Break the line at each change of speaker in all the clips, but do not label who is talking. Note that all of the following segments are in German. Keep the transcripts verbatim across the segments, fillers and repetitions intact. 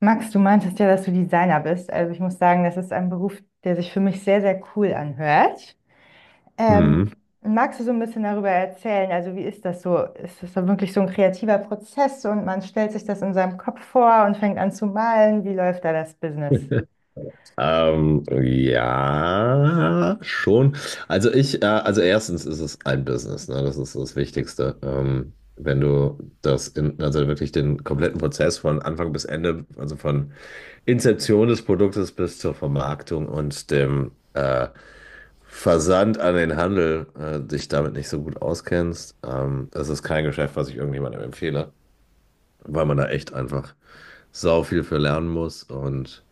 Max, du meintest ja, dass du Designer bist. Also ich muss sagen, das ist ein Beruf, der sich für mich sehr, sehr cool anhört.
Hm.
Ähm, Magst du so ein bisschen darüber erzählen? Also wie ist das so? Ist das so wirklich so ein kreativer Prozess und man stellt sich das in seinem Kopf vor und fängt an zu malen? Wie läuft da das Business?
Ähm, ja, schon. Also ich, äh, also erstens ist es ein Business, ne? Das ist das Wichtigste. Ähm, wenn du das in, also wirklich den kompletten Prozess von Anfang bis Ende, also von Inzeption des Produktes bis zur Vermarktung und dem äh, Versand an den Handel, äh, dich damit nicht so gut auskennst, ähm, das ist kein Geschäft, was ich irgendjemandem empfehle, weil man da echt einfach sau viel für lernen muss und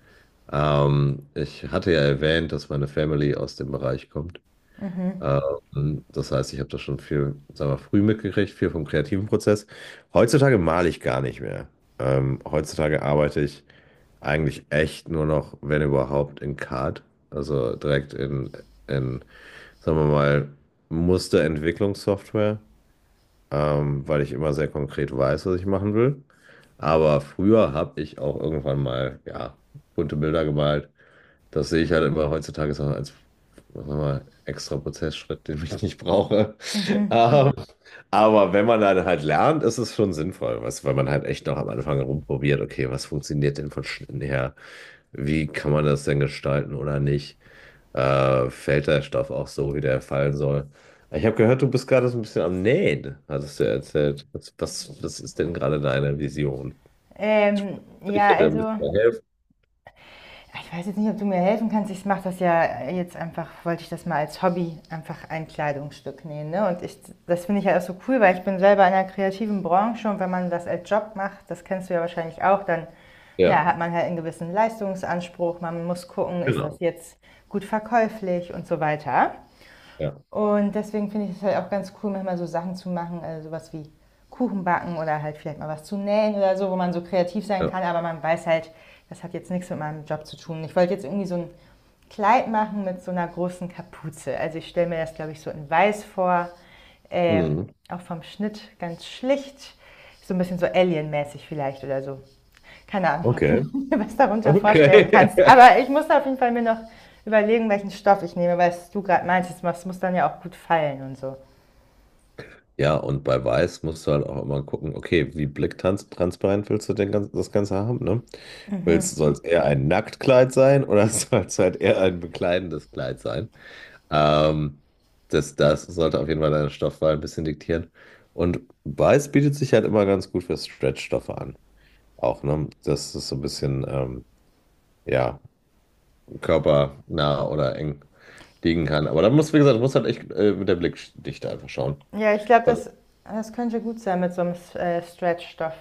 Ähm, ich hatte ja erwähnt, dass meine Family aus dem Bereich kommt.
Mhm,
Ähm, das heißt, ich habe das schon viel, sagen wir, früh mitgekriegt, viel vom kreativen Prozess. Heutzutage male ich gar nicht mehr. Ähm, heutzutage arbeite ich eigentlich echt nur noch, wenn überhaupt, in C A D, also direkt in, in, sagen wir mal, Musterentwicklungssoftware, ähm, weil ich immer sehr konkret weiß, was ich machen will. Aber früher habe ich auch irgendwann mal, ja, bunte Bilder gemalt. Das sehe ich halt immer heutzutage so als, was sagen wir extra Prozessschritt, den ich nicht brauche.
mhm.
Ähm, Mhm. Aber wenn man dann halt lernt, ist es schon sinnvoll, was, weil man halt echt noch am Anfang rumprobiert, okay, was funktioniert denn von Schnitten her? Wie kann man das denn gestalten oder nicht? Äh, fällt der Stoff auch so, wie der fallen soll? Ich habe gehört, du bist gerade so ein bisschen am Nähen, hattest du erzählt. Was, was, was ist denn gerade deine Vision?
Ähm,
Ich
ja,
hätte ein
also.
bisschen helfen.
Ja, ich weiß jetzt nicht, ob du mir helfen kannst. Ich mache das ja jetzt einfach, wollte ich das mal als Hobby einfach ein Kleidungsstück nähen. Ne? Und ich, das finde ich ja halt auch so cool, weil ich bin selber in einer kreativen Branche und wenn man das als Job macht, das kennst du ja wahrscheinlich auch, dann
Ja,
na, hat man halt einen gewissen Leistungsanspruch. Man muss gucken, ist das
genau.
jetzt gut verkäuflich und so weiter.
Ja,
Und deswegen finde ich es halt auch ganz cool, manchmal so Sachen zu machen, äh, sowas wie Kuchen backen oder halt vielleicht mal was zu nähen oder so, wo man so kreativ sein
ja.
kann, aber man weiß halt, das hat jetzt nichts mit meinem Job zu tun. Ich wollte jetzt irgendwie so ein Kleid machen mit so einer großen Kapuze. Also ich stelle mir das, glaube ich, so in weiß vor, ähm,
Hm.
auch vom Schnitt ganz schlicht, so ein bisschen so Alien-mäßig vielleicht oder so keine Ahnung, ob
Okay.
du mir was darunter vorstellen
Okay.
kannst. Aber ich muss auf jeden Fall mir noch überlegen, welchen Stoff ich nehme, weil du gerade meintest, es muss dann ja auch gut fallen und so.
Ja, und bei Weiß musst du halt auch immer gucken, okay, wie blicktransparent willst du denn ganz, das Ganze haben, ne? Willst, soll es eher ein Nacktkleid sein oder soll es halt eher ein bekleidendes Kleid sein? Ähm, das, das sollte auf jeden Fall deine Stoffwahl ein bisschen diktieren. Und Weiß bietet sich halt immer ganz gut für Stretchstoffe an. Auch, ne? Dass es so ein bisschen, ähm, ja, körpernah oder eng liegen kann. Aber da muss, wie gesagt, muss halt echt äh, mit der Blickdichte einfach schauen.
Ja, ich glaube,
Also,
das, das könnte gut sein mit so einem äh, Stretch-Stoff.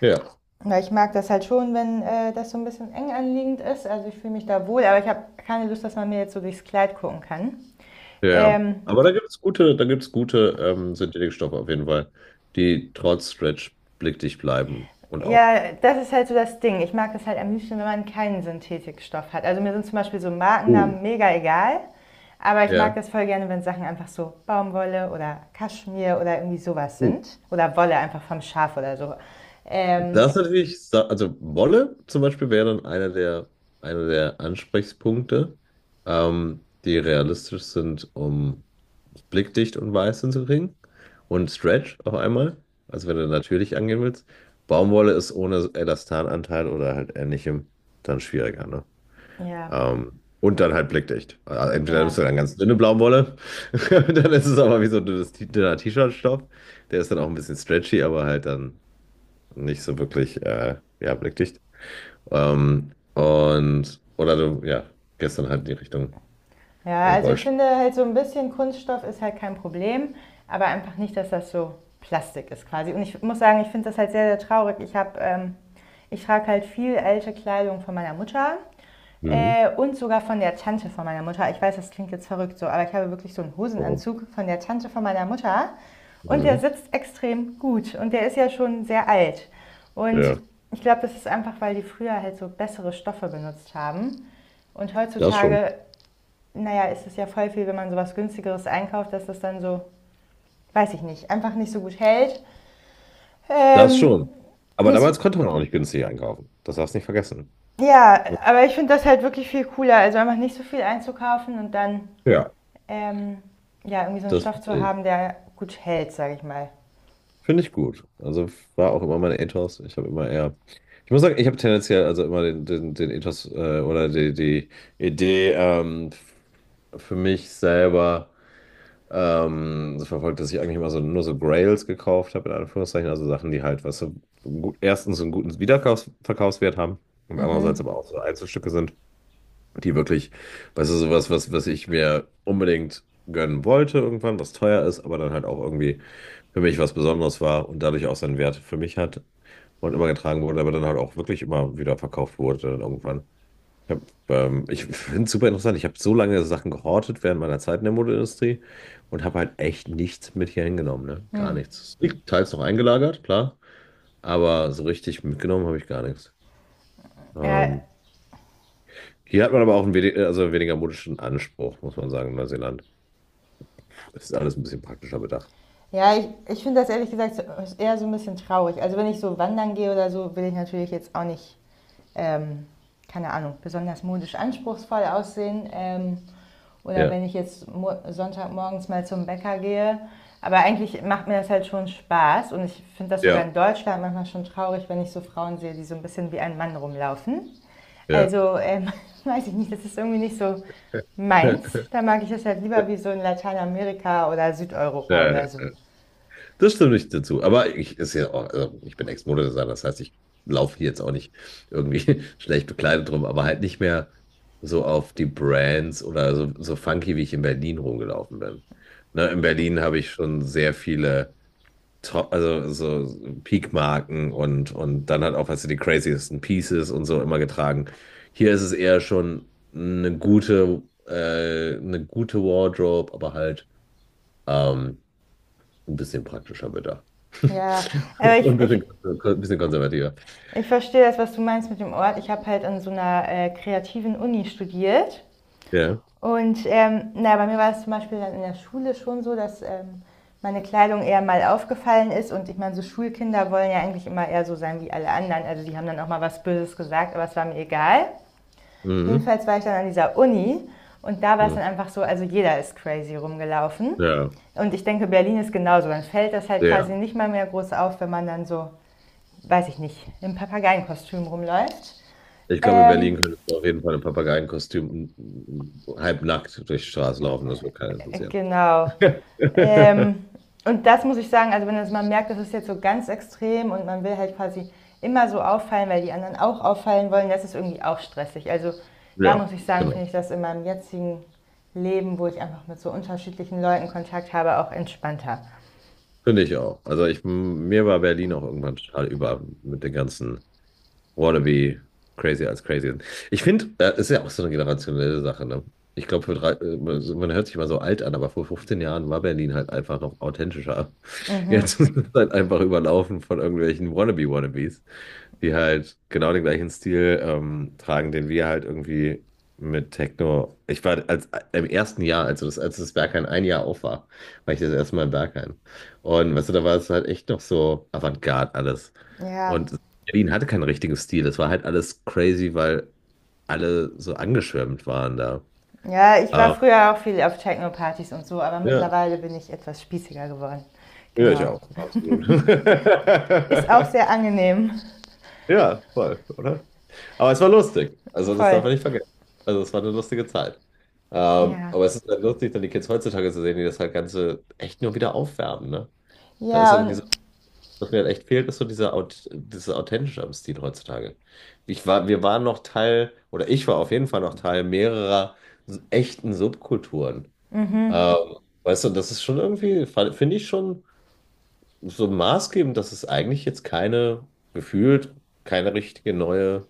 ja.
Weil ich mag das halt schon, wenn äh, das so ein bisschen eng anliegend ist. Also ich fühle mich da wohl, aber ich habe keine Lust, dass man mir jetzt so durchs Kleid gucken kann.
Ja, ja.
Ähm,
Aber da gibt es gute, da gibt's gute ähm, Synthetikstoffe auf jeden Fall, die trotz Stretch blickdicht bleiben. Und auch.
Ja, das ist halt so das Ding. Ich mag es halt am liebsten, wenn man keinen Synthetikstoff hat. Also mir sind zum Beispiel so
Uh,
Markennamen mega egal, aber ich mag
ja.
das voll gerne, wenn Sachen einfach so Baumwolle oder Kaschmir oder irgendwie sowas
Uh.
sind. Oder Wolle einfach vom Schaf oder so. Ähm,
Das ist natürlich, sa- also Wolle zum Beispiel wäre dann einer der, einer der Ansprechpunkte, ähm, die realistisch sind, um blickdicht und weiß hinzukriegen. Und Stretch auf einmal, also wenn du natürlich angehen willst. Baumwolle ist ohne Elastananteil oder halt ähnlichem dann schwieriger, ne?
ja,
Ähm, und dann halt blickdicht. Also entweder
ja.
nimmst du dann ganz dünne Baumwolle, dann ist es aber wie so ein dünnes, T- dünner T-Shirt-Stoff. Der ist dann auch ein bisschen stretchy, aber halt dann nicht so wirklich, äh, ja, blickdicht. Ähm, und, oder du, ja, gestern halt in die Richtung
Ja,
äh,
also ich
Wollsch.
finde halt so ein bisschen Kunststoff ist halt kein Problem, aber einfach nicht, dass das so Plastik ist quasi. Und ich muss sagen, ich finde das halt sehr, sehr traurig. Ich habe, ähm, ich trage halt viel alte Kleidung von meiner Mutter.
Mhm.
Äh, und sogar von der Tante von meiner Mutter. Ich weiß, das klingt jetzt verrückt so, aber ich habe wirklich so einen
Warum?
Hosenanzug von der Tante von meiner Mutter. Und
Mhm.
der sitzt extrem gut. Und der ist ja schon sehr alt. Und
Ja,
ich glaube, das ist einfach, weil die früher halt so bessere Stoffe benutzt haben. Und
das schon.
heutzutage, naja, ist es ja voll viel, wenn man sowas günstigeres einkauft, dass das dann so, weiß ich nicht, einfach nicht so gut hält.
Das
Ähm,
schon. Aber
das,
damals konnte man auch nicht günstig einkaufen. Das darfst du nicht vergessen.
ja, aber ich finde das halt wirklich viel cooler. Also einfach nicht so viel einzukaufen und dann
Ja,
ähm, ja, irgendwie so einen
das
Stoff zu
verstehe ich.
haben, der gut hält, sage ich mal.
Finde ich gut. Also war auch immer mein Ethos. Ich habe immer eher, ich muss sagen, ich habe tendenziell also immer den, den, den Ethos äh, oder die, die Idee ähm, für mich selber ähm, so verfolgt, dass ich eigentlich immer so nur so Grails gekauft habe, in Anführungszeichen. Also Sachen, die halt, was weißt du, gut, erstens einen guten Wiederverkaufswert haben und andererseits aber auch so Einzelstücke sind, die wirklich, weißt du, sowas, was, was ich mir unbedingt gönnen wollte irgendwann, was teuer ist, aber dann halt auch irgendwie für mich was Besonderes war und dadurch auch seinen Wert für mich hat und immer getragen wurde, aber dann halt auch wirklich immer wieder verkauft wurde dann irgendwann. Ich, hab, ähm, Ich finde es super interessant. Ich habe so lange Sachen gehortet während meiner Zeit in der Modeindustrie und habe halt echt nichts mit hier hingenommen, ne? Gar nichts. Liegt Teils noch eingelagert, klar, aber so richtig mitgenommen habe ich gar nichts.
Ja,
Ähm, hier hat man aber auch einen wedi- also weniger modischen Anspruch, muss man sagen, in Neuseeland. Das ist alles ein bisschen praktischer bedacht.
ja ich, ich finde das ehrlich gesagt so eher so ein bisschen traurig. Also wenn ich so wandern gehe oder so, will ich natürlich jetzt auch nicht ähm, keine Ahnung, besonders modisch anspruchsvoll aussehen. Ähm, oder
Ja,
wenn ich jetzt mo- Sonntagmorgens mal zum Bäcker gehe. Aber eigentlich macht mir das halt schon Spaß und ich finde das sogar
ja,
in Deutschland manchmal schon traurig, wenn ich so Frauen sehe, die so ein bisschen wie ein Mann rumlaufen.
ja.
Also ähm, weiß ich nicht, das ist irgendwie nicht so meins. Da mag ich das halt lieber wie so in Lateinamerika oder Südeuropa
Ja,
oder so.
das stimmt nicht dazu. Aber ich, ist ja auch, also ich bin Ex-Modedesigner, das heißt, ich laufe hier jetzt auch nicht irgendwie schlecht bekleidet rum, aber halt nicht mehr so auf die Brands oder so, so funky, wie ich in Berlin rumgelaufen bin. Ne, in Berlin habe ich schon sehr viele Top, also so Peak-Marken und, und dann halt auch, weißt du, die craziesten Pieces und so immer getragen. Hier ist es eher schon eine gute, äh, eine gute Wardrobe, aber halt. Ähm, ein bisschen praktischer bedacht.
Ja, aber ich,
Und ein
ich
bisschen, ein bisschen konservativer.
ich verstehe das, was du meinst mit dem Ort. Ich habe halt an so einer äh, kreativen Uni studiert.
Ja.
Und ähm, na, bei mir war es zum Beispiel dann in der Schule schon so, dass ähm, meine Kleidung eher mal aufgefallen ist. Und ich meine, so Schulkinder wollen ja eigentlich immer eher so sein wie alle anderen. Also die haben dann auch mal was Böses gesagt, aber es war mir egal.
Mhm.
Jedenfalls war ich dann an dieser Uni und da war es dann
Mhm.
einfach so, also jeder ist crazy rumgelaufen.
Ja.
Und ich denke, Berlin ist genauso. Dann fällt das halt quasi
Ja.
nicht mal mehr groß auf, wenn man dann so, weiß ich nicht, im Papageienkostüm rumläuft.
Ich glaube, in Berlin
Ähm,
könntest du auf jeden Fall im Papageienkostüm mm, mm, halbnackt durch die Straße laufen. Das wird keinen interessieren.
genau. Ähm, und das muss ich sagen, also wenn das man merkt, das ist jetzt so ganz extrem und man will halt quasi immer so auffallen, weil die anderen auch auffallen wollen, das ist irgendwie auch stressig. Also da
Ja,
muss ich sagen,
genau.
finde ich das in meinem jetzigen Leben, wo ich einfach mit so unterschiedlichen Leuten Kontakt habe, auch entspannter.
Finde ich auch. Also ich, mir war Berlin auch irgendwann total über mit den ganzen Wannabe crazy als crazy sind. Ich finde, äh, ist ja auch so eine generationelle Sache, ne? Ich glaube, für drei, äh, man man hört sich mal so alt an, aber vor fünfzehn Jahren war Berlin halt einfach noch authentischer. Jetzt ist es halt einfach überlaufen von irgendwelchen Wannabe-Wannabes, die halt genau den gleichen Stil ähm, tragen, den wir halt irgendwie mit Techno. Ich war als im ersten Jahr, also das, als das Berghain ein Jahr auf war, war ich das erste Mal im Berghain. Und weißt du, da war es halt echt noch so Avantgarde alles.
Ja,
Und Berlin hatte keinen richtigen Stil. Das war halt alles crazy, weil alle so angeschwärmt waren da.
ja, ich war
Ähm,
früher auch viel auf Techno-Partys und so, aber
Ja,
mittlerweile bin ich etwas spießiger geworden.
ja, ich
Genau.
auch, absolut.
Ist auch sehr angenehm.
Ja, voll, oder? Aber es war lustig. Also, das darf
Voll.
man nicht vergessen. Also, es war eine lustige Zeit. Ähm,
Ja.
aber es ist halt lustig, dann die Kids heutzutage zu sehen, die das halt Ganze echt nur wieder aufwärmen, ne? Da ist
Ja,
irgendwie
und
was mir halt echt fehlt, ist so dieser, Aut dieses Authentische am Stil heutzutage. Ich war, wir waren noch Teil, oder ich war auf jeden Fall noch Teil mehrerer s- echten Subkulturen. Ähm, weißt du, das ist schon irgendwie, fa- finde ich schon so maßgebend, dass es eigentlich jetzt keine, gefühlt, keine richtige neue,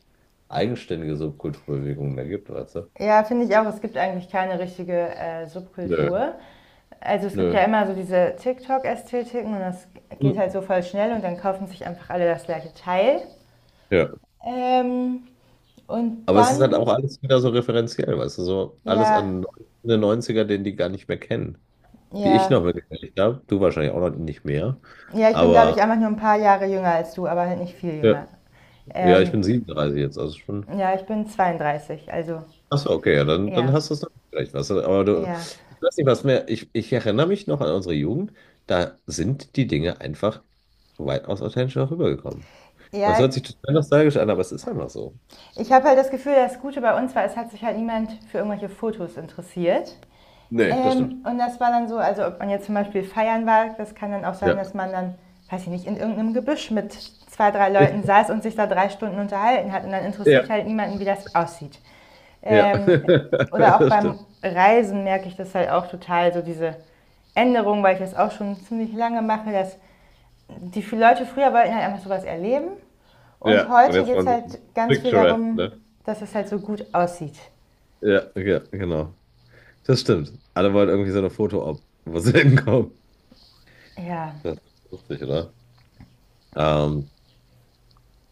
eigenständige Subkulturbewegung mehr gibt, weißt du?
ja, finde ich auch. Es gibt eigentlich keine richtige äh,
Nö,
Subkultur. Also es gibt
nö.
ja immer so diese TikTok-Ästhetiken und das geht
Hm.
halt so voll schnell und dann kaufen sich einfach alle das gleiche Teil.
Ja.
Ähm, und
Aber es ist halt
dann,
auch alles wieder so referenziell, weißt du, so alles
ja,
an den Neunziger den die gar nicht mehr kennen. Die ich
ja.
noch mitgekriegt habe. Du wahrscheinlich auch noch nicht mehr.
Ja, ich bin, glaube ich,
Aber
einfach nur ein paar Jahre jünger als du, aber halt nicht viel
ja,
jünger.
ja, ich
Ähm,
bin siebenunddreißig jetzt, also schon.
ja, ich bin zweiunddreißig, also
Achso, okay, ja, dann, dann
ja,
hast du es noch vielleicht was. Aber du,
ja.
ich weiß nicht, was mehr. Ich, ich erinnere mich noch an unsere Jugend. Da sind die Dinge einfach weitaus authentischer rübergekommen. Und es hört
Ja,
sich total nostalgisch an, aber es ist einfach so.
ich habe halt das Gefühl, das Gute bei uns war, es hat sich halt niemand für irgendwelche Fotos interessiert.
Nee, das stimmt.
Ähm, und das war dann so, also ob man jetzt zum Beispiel feiern war, das kann dann auch sein,
Ja.
dass man dann, weiß ich nicht, in irgendeinem Gebüsch mit zwei, drei Leuten saß und sich da drei Stunden unterhalten hat. Und dann interessiert
Ja,
halt niemanden, wie das aussieht.
ja.
Ähm, oder auch
Das
beim
stimmt.
Reisen merke ich das halt auch total, so diese Änderung, weil ich das auch schon ziemlich lange mache, dass die viele Leute früher wollten halt einfach sowas erleben. Und
Ja. Und
heute
jetzt
geht es
waren sie
halt ganz viel
picturesque,
darum,
ne?
dass es halt so gut aussieht.
Ja, ja, genau. Das stimmt. Alle wollen irgendwie so eine Foto-Op, wo sie hinkommen.
Ja.
Das ist lustig, oder? Ähm,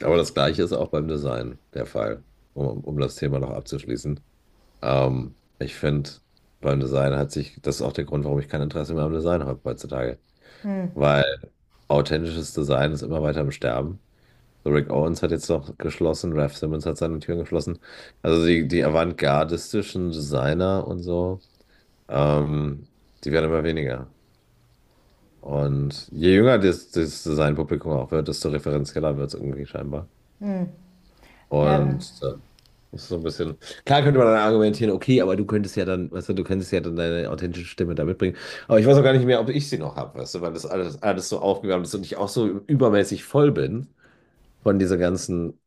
aber das Gleiche ist auch beim Design der Fall, um, um das Thema noch abzuschließen. Ähm, ich finde, beim Design hat sich, das ist auch der Grund, warum ich kein Interesse mehr am Design habe heutzutage.
Hm.
Weil authentisches Design ist immer weiter am Sterben. So Rick Owens hat jetzt noch geschlossen, Raf Simons hat seine Türen geschlossen. Also die, die avantgardistischen Designer und so, ähm, die werden immer weniger. Und je jünger das, das sein Publikum auch wird, desto referenzieller wird es irgendwie scheinbar.
Ja.
Und äh, das ist so ein bisschen. Klar könnte man dann argumentieren, okay, aber du könntest ja dann, weißt du, du könntest ja dann deine authentische Stimme da mitbringen. Aber ich weiß auch gar nicht mehr, ob ich sie noch habe, weißt du, weil das alles, alles so aufgegangen ist und ich auch so übermäßig voll bin von dieser ganzen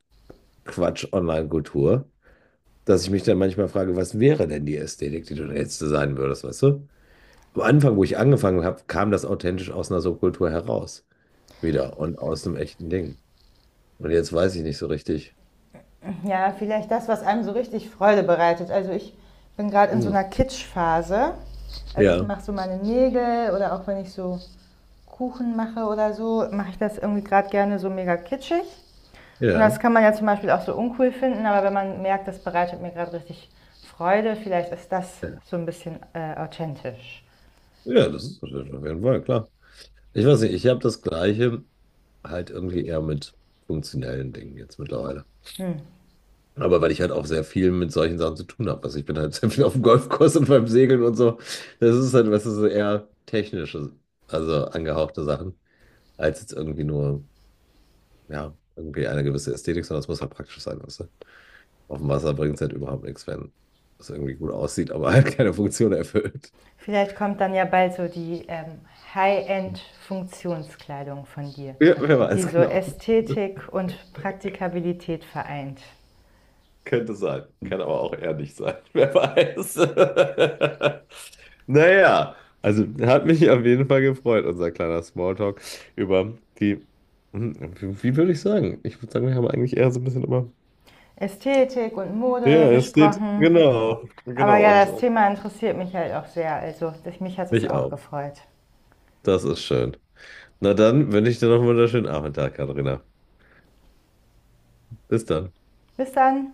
Quatsch-Online-Kultur, dass ich mich dann manchmal frage, was wäre denn die Ästhetik, die du da jetzt designen würdest, weißt du? Am Anfang, wo ich angefangen habe, kam das authentisch aus einer Subkultur heraus. Wieder und aus einem echten Ding. Und jetzt weiß ich nicht so richtig.
Ja, vielleicht das, was einem so richtig Freude bereitet. Also ich bin gerade in so
Hm.
einer Kitschphase. Also ich
Ja,
mache so meine Nägel oder auch wenn ich so Kuchen mache oder so, mache ich das irgendwie gerade gerne so mega kitschig. Und
ja,
das kann man ja zum Beispiel auch so uncool finden, aber wenn man merkt, das bereitet mir gerade richtig Freude, vielleicht ist das
ja,
so ein bisschen äh, authentisch.
ja, das ist natürlich auf jeden Fall klar. Ich weiß nicht, ich habe das Gleiche halt irgendwie eher mit funktionellen Dingen jetzt mittlerweile.
Hm.
Aber weil ich halt auch sehr viel mit solchen Sachen zu tun habe. Also ich bin halt sehr viel auf dem Golfkurs und beim Segeln und so. Das ist halt, was ist eher technische, also angehauchte Sachen, als jetzt irgendwie nur, ja, irgendwie eine gewisse Ästhetik, sondern es muss halt praktisch sein, weißt du? Auf dem Wasser bringt es halt überhaupt nichts, wenn es irgendwie gut aussieht, aber halt keine Funktion erfüllt.
Vielleicht kommt dann ja bald so die ähm, High-End-Funktionskleidung von dir,
Ja, wer
die
weiß
so
genau.
Ästhetik und Praktikabilität vereint.
Könnte sein. Kann aber auch eher nicht sein. Wer weiß. Naja, also hat mich auf jeden Fall gefreut, unser kleiner Smalltalk über die, hm, wie, wie würde ich sagen? Ich würde sagen, wir haben eigentlich eher so ein bisschen immer.
Ästhetik und Mode
Ja, es steht,
gesprochen.
genau,
Aber
genau,
ja,
und
das
und
Thema interessiert mich halt auch sehr. Also mich hat es
mich
auch
auch.
gefreut.
Das ist schön. Na dann wünsche ich dir noch einen wunderschönen Abend, Katharina. Bis dann.
Bis dann.